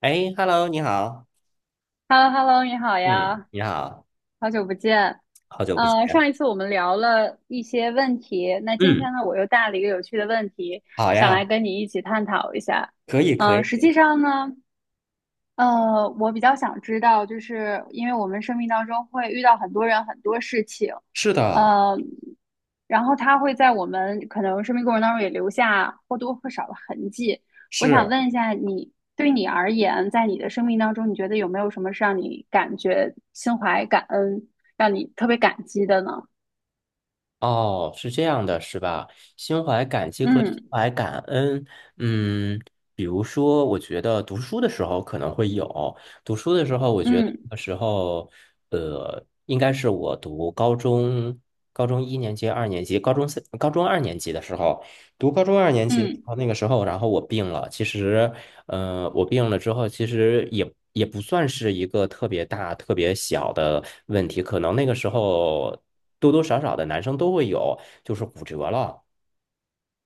哎，Hello，你好，h e l l o h e l l o 你好嗯呀，你好，好久不见。好久不见。上一次我们聊了一些问题，那今嗯，天呢，我又带了一个有趣的问题，好想来呀，跟你一起探讨一下。可以，可以。实际上呢，我比较想知道，就是因为我们生命当中会遇到很多人、很多事情，是的，呃，然后他会在我们可能生命过程当中也留下或多或少的痕迹。我想是，问一下你，对你而言，在你的生命当中，你觉得有没有什么是让你感觉心怀感恩，让你特别感激的呢？哦，是这样的，是吧？心怀感激和心嗯怀感恩。嗯，比如说，我觉得读书的时候可能会有，读书的时候，我觉得嗯那时候，应该是我读高中，高中一年级、二年级、高中三、高中二年级的时候，读高中二年级的时嗯候，那个时候，然后我病了。其实我病了之后，其实也不算是一个特别大、特别小的问题，可能那个时候多多少少的男生都会有，就是骨折了。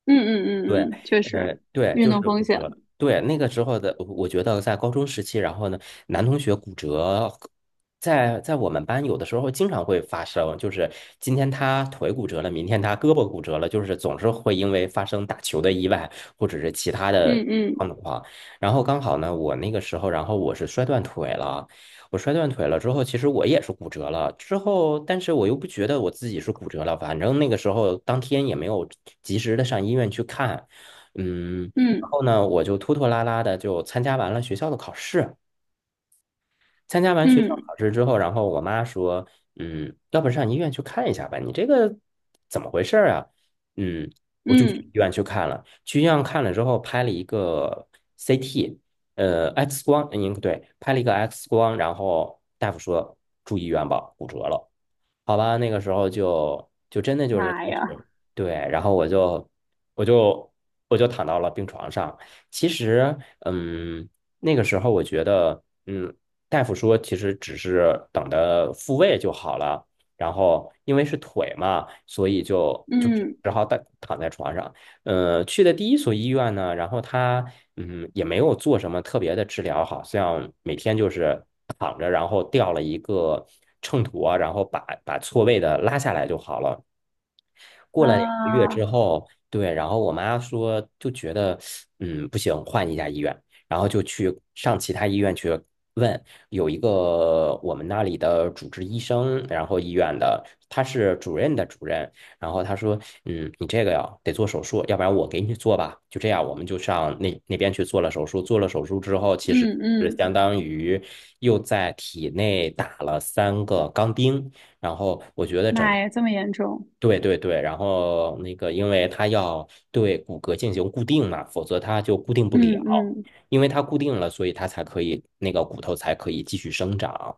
嗯嗯对，嗯嗯，确实，运就动是风骨险，折。对，那个时候的，我觉得在高中时期，然后呢，男同学骨折，在我们班有的时候经常会发生，就是今天他腿骨折了，明天他胳膊骨折了，就是总是会因为发生打球的意外或者是其他的嗯状嗯况。然后刚好呢，我那个时候，然后我是摔断腿了，我摔断腿了之后，其实我也是骨折了之后，但是我又不觉得我自己是骨折了，反正那个时候当天也没有及时的上医院去看。嗯，然嗯后呢，我就拖拖拉拉的就参加完了学校的考试。参加完学校嗯考试之后，然后我妈说，嗯，要不上医院去看一下吧，你这个怎么回事儿啊？嗯，我就去医嗯，院去看了，去医院看了之后拍了一个 CT，X 光，嗯，对，拍了一个 X 光，然后大夫说住医院吧，骨折了。好吧，那个时候就真的就是开妈呀！始，对，然后我就我就躺到了病床上。其实，嗯，那个时候我觉得，嗯，大夫说其实只是等着复位就好了。然后因为是腿嘛，所以就就只嗯只好躺在床上。呃，去的第一所医院呢，然后他嗯也没有做什么特别的治疗，好像每天就是躺着，然后吊了一个秤砣啊，然后把错位的拉下来就好了。过了两个月之啊，后，对，然后我妈说就觉得，嗯，不行，换一家医院，然后就去上其他医院去问，有一个我们那里的主治医生，然后医院的他是主任的主任，然后他说，嗯，你这个呀得做手术，要不然我给你做吧，就这样，我们就上那边去做了手术，做了手术之后，其实嗯是嗯，相当于又在体内打了三个钢钉。然后我觉得整妈个呀，这么严重？对对对，然后那个，因为它要对骨骼进行固定嘛，否则它就固定不嗯了。嗯因为它固定了，所以它才可以那个骨头才可以继续生长。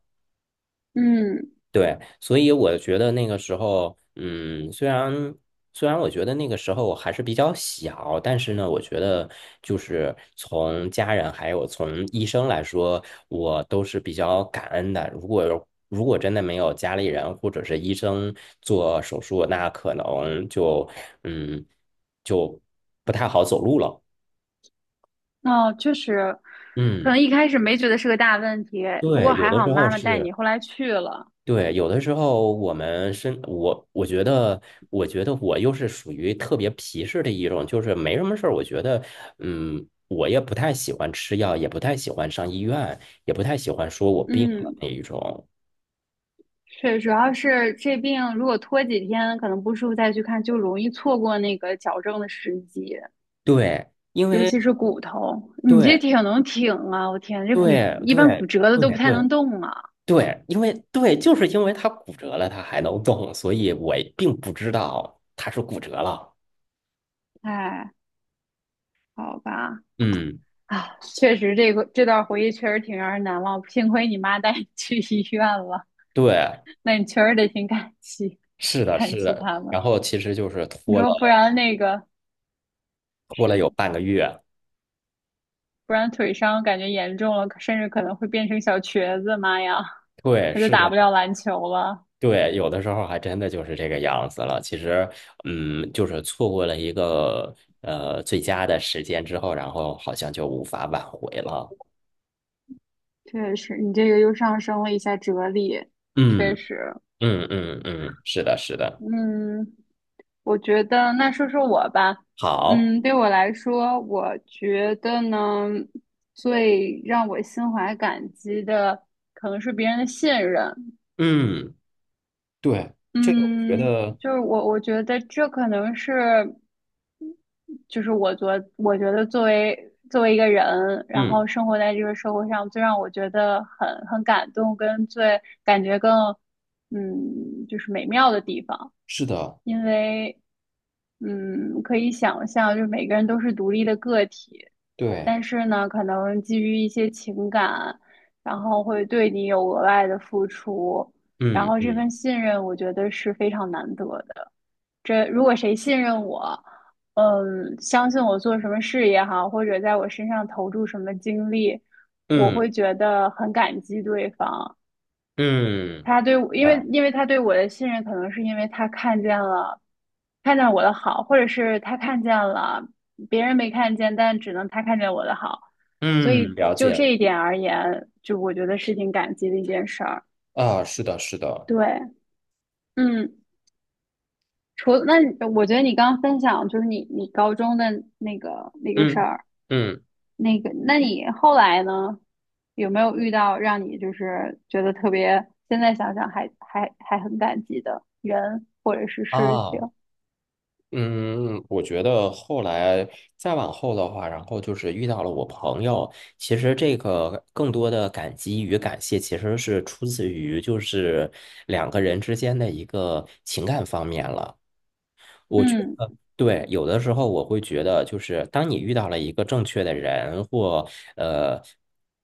嗯，对，所以我觉得那个时候，嗯，虽然我觉得那个时候我还是比较小，但是呢，我觉得就是从家人还有从医生来说，我都是比较感恩的。如果真的没有家里人或者是医生做手术，那可能嗯就不太好走路了。哦，确实，可嗯，能一开始没觉得是个大问题，不对，过有还的好时候妈妈带是。你后来去了。对，有的时候我觉得，我觉得我又是属于特别皮实的一种，就是没什么事儿。我觉得，嗯，我也不太喜欢吃药，也不太喜欢上医院，也不太喜欢说我病了嗯，那一种。是，主要是这病如果拖几天，可能不舒服再去看，就容易错过那个矫正的时机，对，因尤为其是骨头。你这对挺能挺啊，我天，这骨对一般对骨折的都不对太对能动啊。对，因为对，就是因为他骨折了，他还能动，所以我并不知道他是骨折了。哎，好吧。嗯，啊，确实，这个这段回忆确实挺让人难忘。幸亏你妈带你去医院了，对，那你确实得挺感激，是的，感是激的。他们。然后其实就是你拖了。说不然那个过了有是，半个月。不然腿伤感觉严重了，甚至可能会变成小瘸子，妈呀，对，那就是打的，不了篮球了。对，有的时候还真的就是这个样子了。其实，嗯，就是错过了一个最佳的时间之后，然后好像就无法挽回了。确实，你这个又上升了一下哲理。确嗯实，嗯嗯嗯，是的，是的，嗯，我觉得，那说说我吧。好，嗯，对我来说，我觉得呢，最让我心怀感激的，可能是别人的信任。嗯，对，这个我觉嗯，得，我觉得这可能是。就是我觉我觉得作为一个人，然嗯，后生活在这个社会上，最让我觉得很感动，跟最感觉更就是美妙的地方，是的，因为可以想象，就是每个人都是独立的个体，对，但是呢，可能基于一些情感，然后会对你有额外的付出，然嗯后这嗯份信任，我觉得是非常难得的。这如果谁信任我，嗯，相信我做什么事也好，或者在我身上投注什么精力，我嗯会觉得很感激对方。嗯，他对我，因为啊，因为他对我的信任，可能是因为他看见了，看见我的好，或者是他看见了别人没看见，但只能他看见我的好。所嗯，以了就解了，这一点而言，就我觉得是挺感激的一件事儿。啊，是的，是的，对，嗯。除那我觉得你刚刚分享就是你高中的那个事嗯儿，嗯那个那你后来呢，有没有遇到让你就是觉得特别，现在想想还很感激的人或者是事情？啊。嗯，我觉得后来再往后的话，然后就是遇到了我朋友。其实这个更多的感激与感谢，其实是出自于就是两个人之间的一个情感方面了。嗯对，有的时候我会觉得，就是当你遇到了一个正确的人，或呃，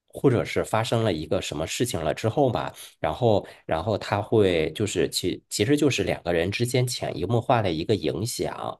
或者是发生了一个什么事情了之后吧，然后他会就是其实就是两个人之间潜移默化的一个影响。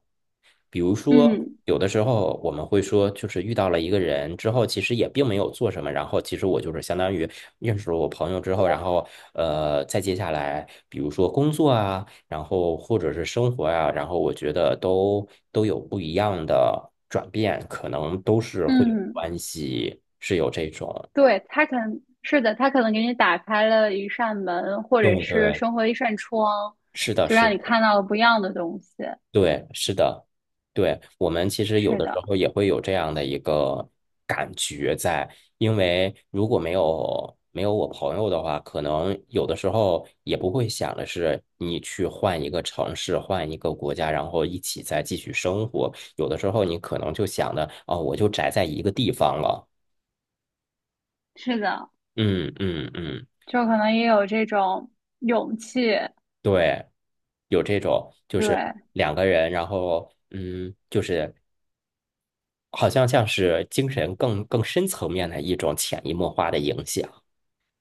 比如说，嗯有的时候我们会说，就是遇到了一个人之后，其实也并没有做什么，然后其实我就是相当于认识了我朋友之后，然后再接下来，比如说工作啊，然后或者是生活啊，然后我觉得都有不一样的转变，可能都是会有嗯，关系，是有这种。对，他可能是的，他可能给你打开了一扇门，或对者是对，生活的一扇窗，是的，就是让你的。看到了不一样的东西。对，是的，对，我们其实有是的时的，候也会有这样的一个感觉在，因为如果没有我朋友的话，可能有的时候也不会想的是你去换一个城市，换一个国家，然后一起再继续生活。有的时候你可能就想的，哦，我就宅在一个地方了。是的，嗯嗯嗯，就可能也有这种勇气。对，有这种就是对，两个人，然后嗯，就是好像像是精神更深层面的一种潜移默化的影响，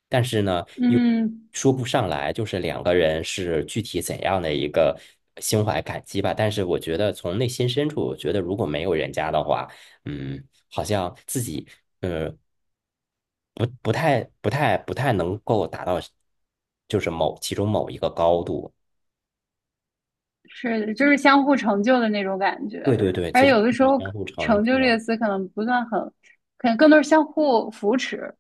但是呢，又嗯，说不上来，就是两个人是具体怎样的一个心怀感激吧。但是我觉得从内心深处，我觉得如果没有人家的话，嗯，好像自己呃不太能够达到，就是其中某一个高度。是的，就是相互成就的那种感觉。对对对，而其实有的时是候，相互成成就这个就。词可能不算很，可能更多是相互扶持。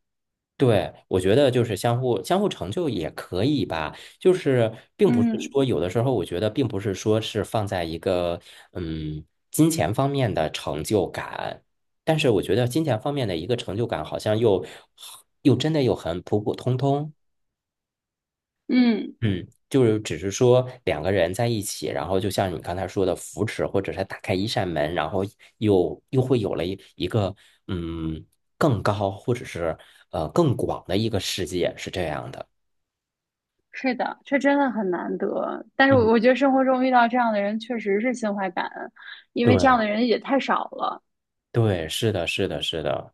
对，我觉得就是相互成就也可以吧，就是并不是嗯说有的时候，我觉得并不是说是放在一个嗯金钱方面的成就感，但是我觉得金钱方面的一个成就感好像又真的又很普普通通。嗯，嗯，就是只是说两个人在一起，然后就像你刚才说的扶持，或者是打开一扇门，然后又会有了一个嗯更高或者是更广的一个世界，是这样的。是的，这真的很难得。但是嗯，我觉得生活中遇到这样的人，确实是心怀感恩，因为这样对的人也太少了。对，是的，是的，是的。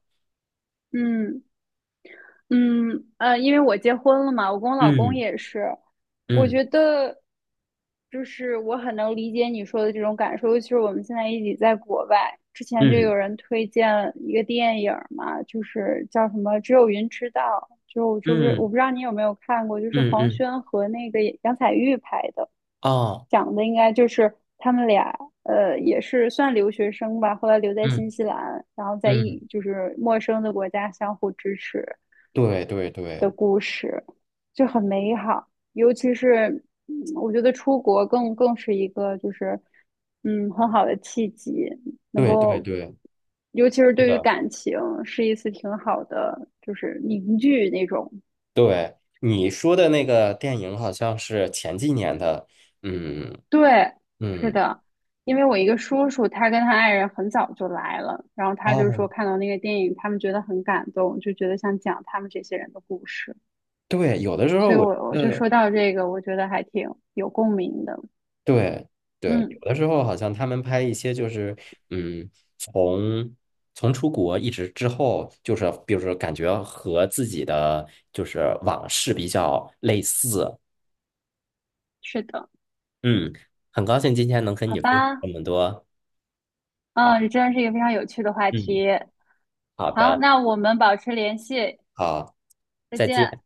嗯。因为我结婚了嘛，我跟我老公嗯也是，我嗯觉得就是我很能理解你说的这种感受，尤其是我们现在一起在国外，之前就嗯有人推荐一个电影儿嘛，就是叫什么《只有云知道》，就是我嗯不知道你有没有看过，就是嗯黄嗯，轩和那个杨采钰拍的，哦，讲的应该就是他们俩，呃，也是算留学生吧，后来留在嗯新西兰，然后在一嗯，就是陌生的国家相互支持。对对对就很美好。尤其是，我觉得出国更是一个就是，嗯，很好的契机，能对对够，对，尤其是是对于的。感情，是一次挺好的，就是凝聚那种。你说的那个电影好像是前几年的，嗯对，是嗯。的，因为我一个叔叔，他跟他爱人很早就来了，然后他就说哦，看到那个电影，他们觉得很感动，就觉得想讲他们这些人的故事。对，有的时候所以我觉我就得，说到这个，我觉得还挺有共鸣的。对对，嗯，有的时候好像他们拍一些就是，嗯，从从出国一直之后，就是比如说感觉和自己的就是往事比较类似，是的，嗯，很高兴今天能跟好你分享这吧。么多，嗯，好，这真是一个非常有趣的话题。嗯，好好，的，那我们保持联系，好，再再见。见。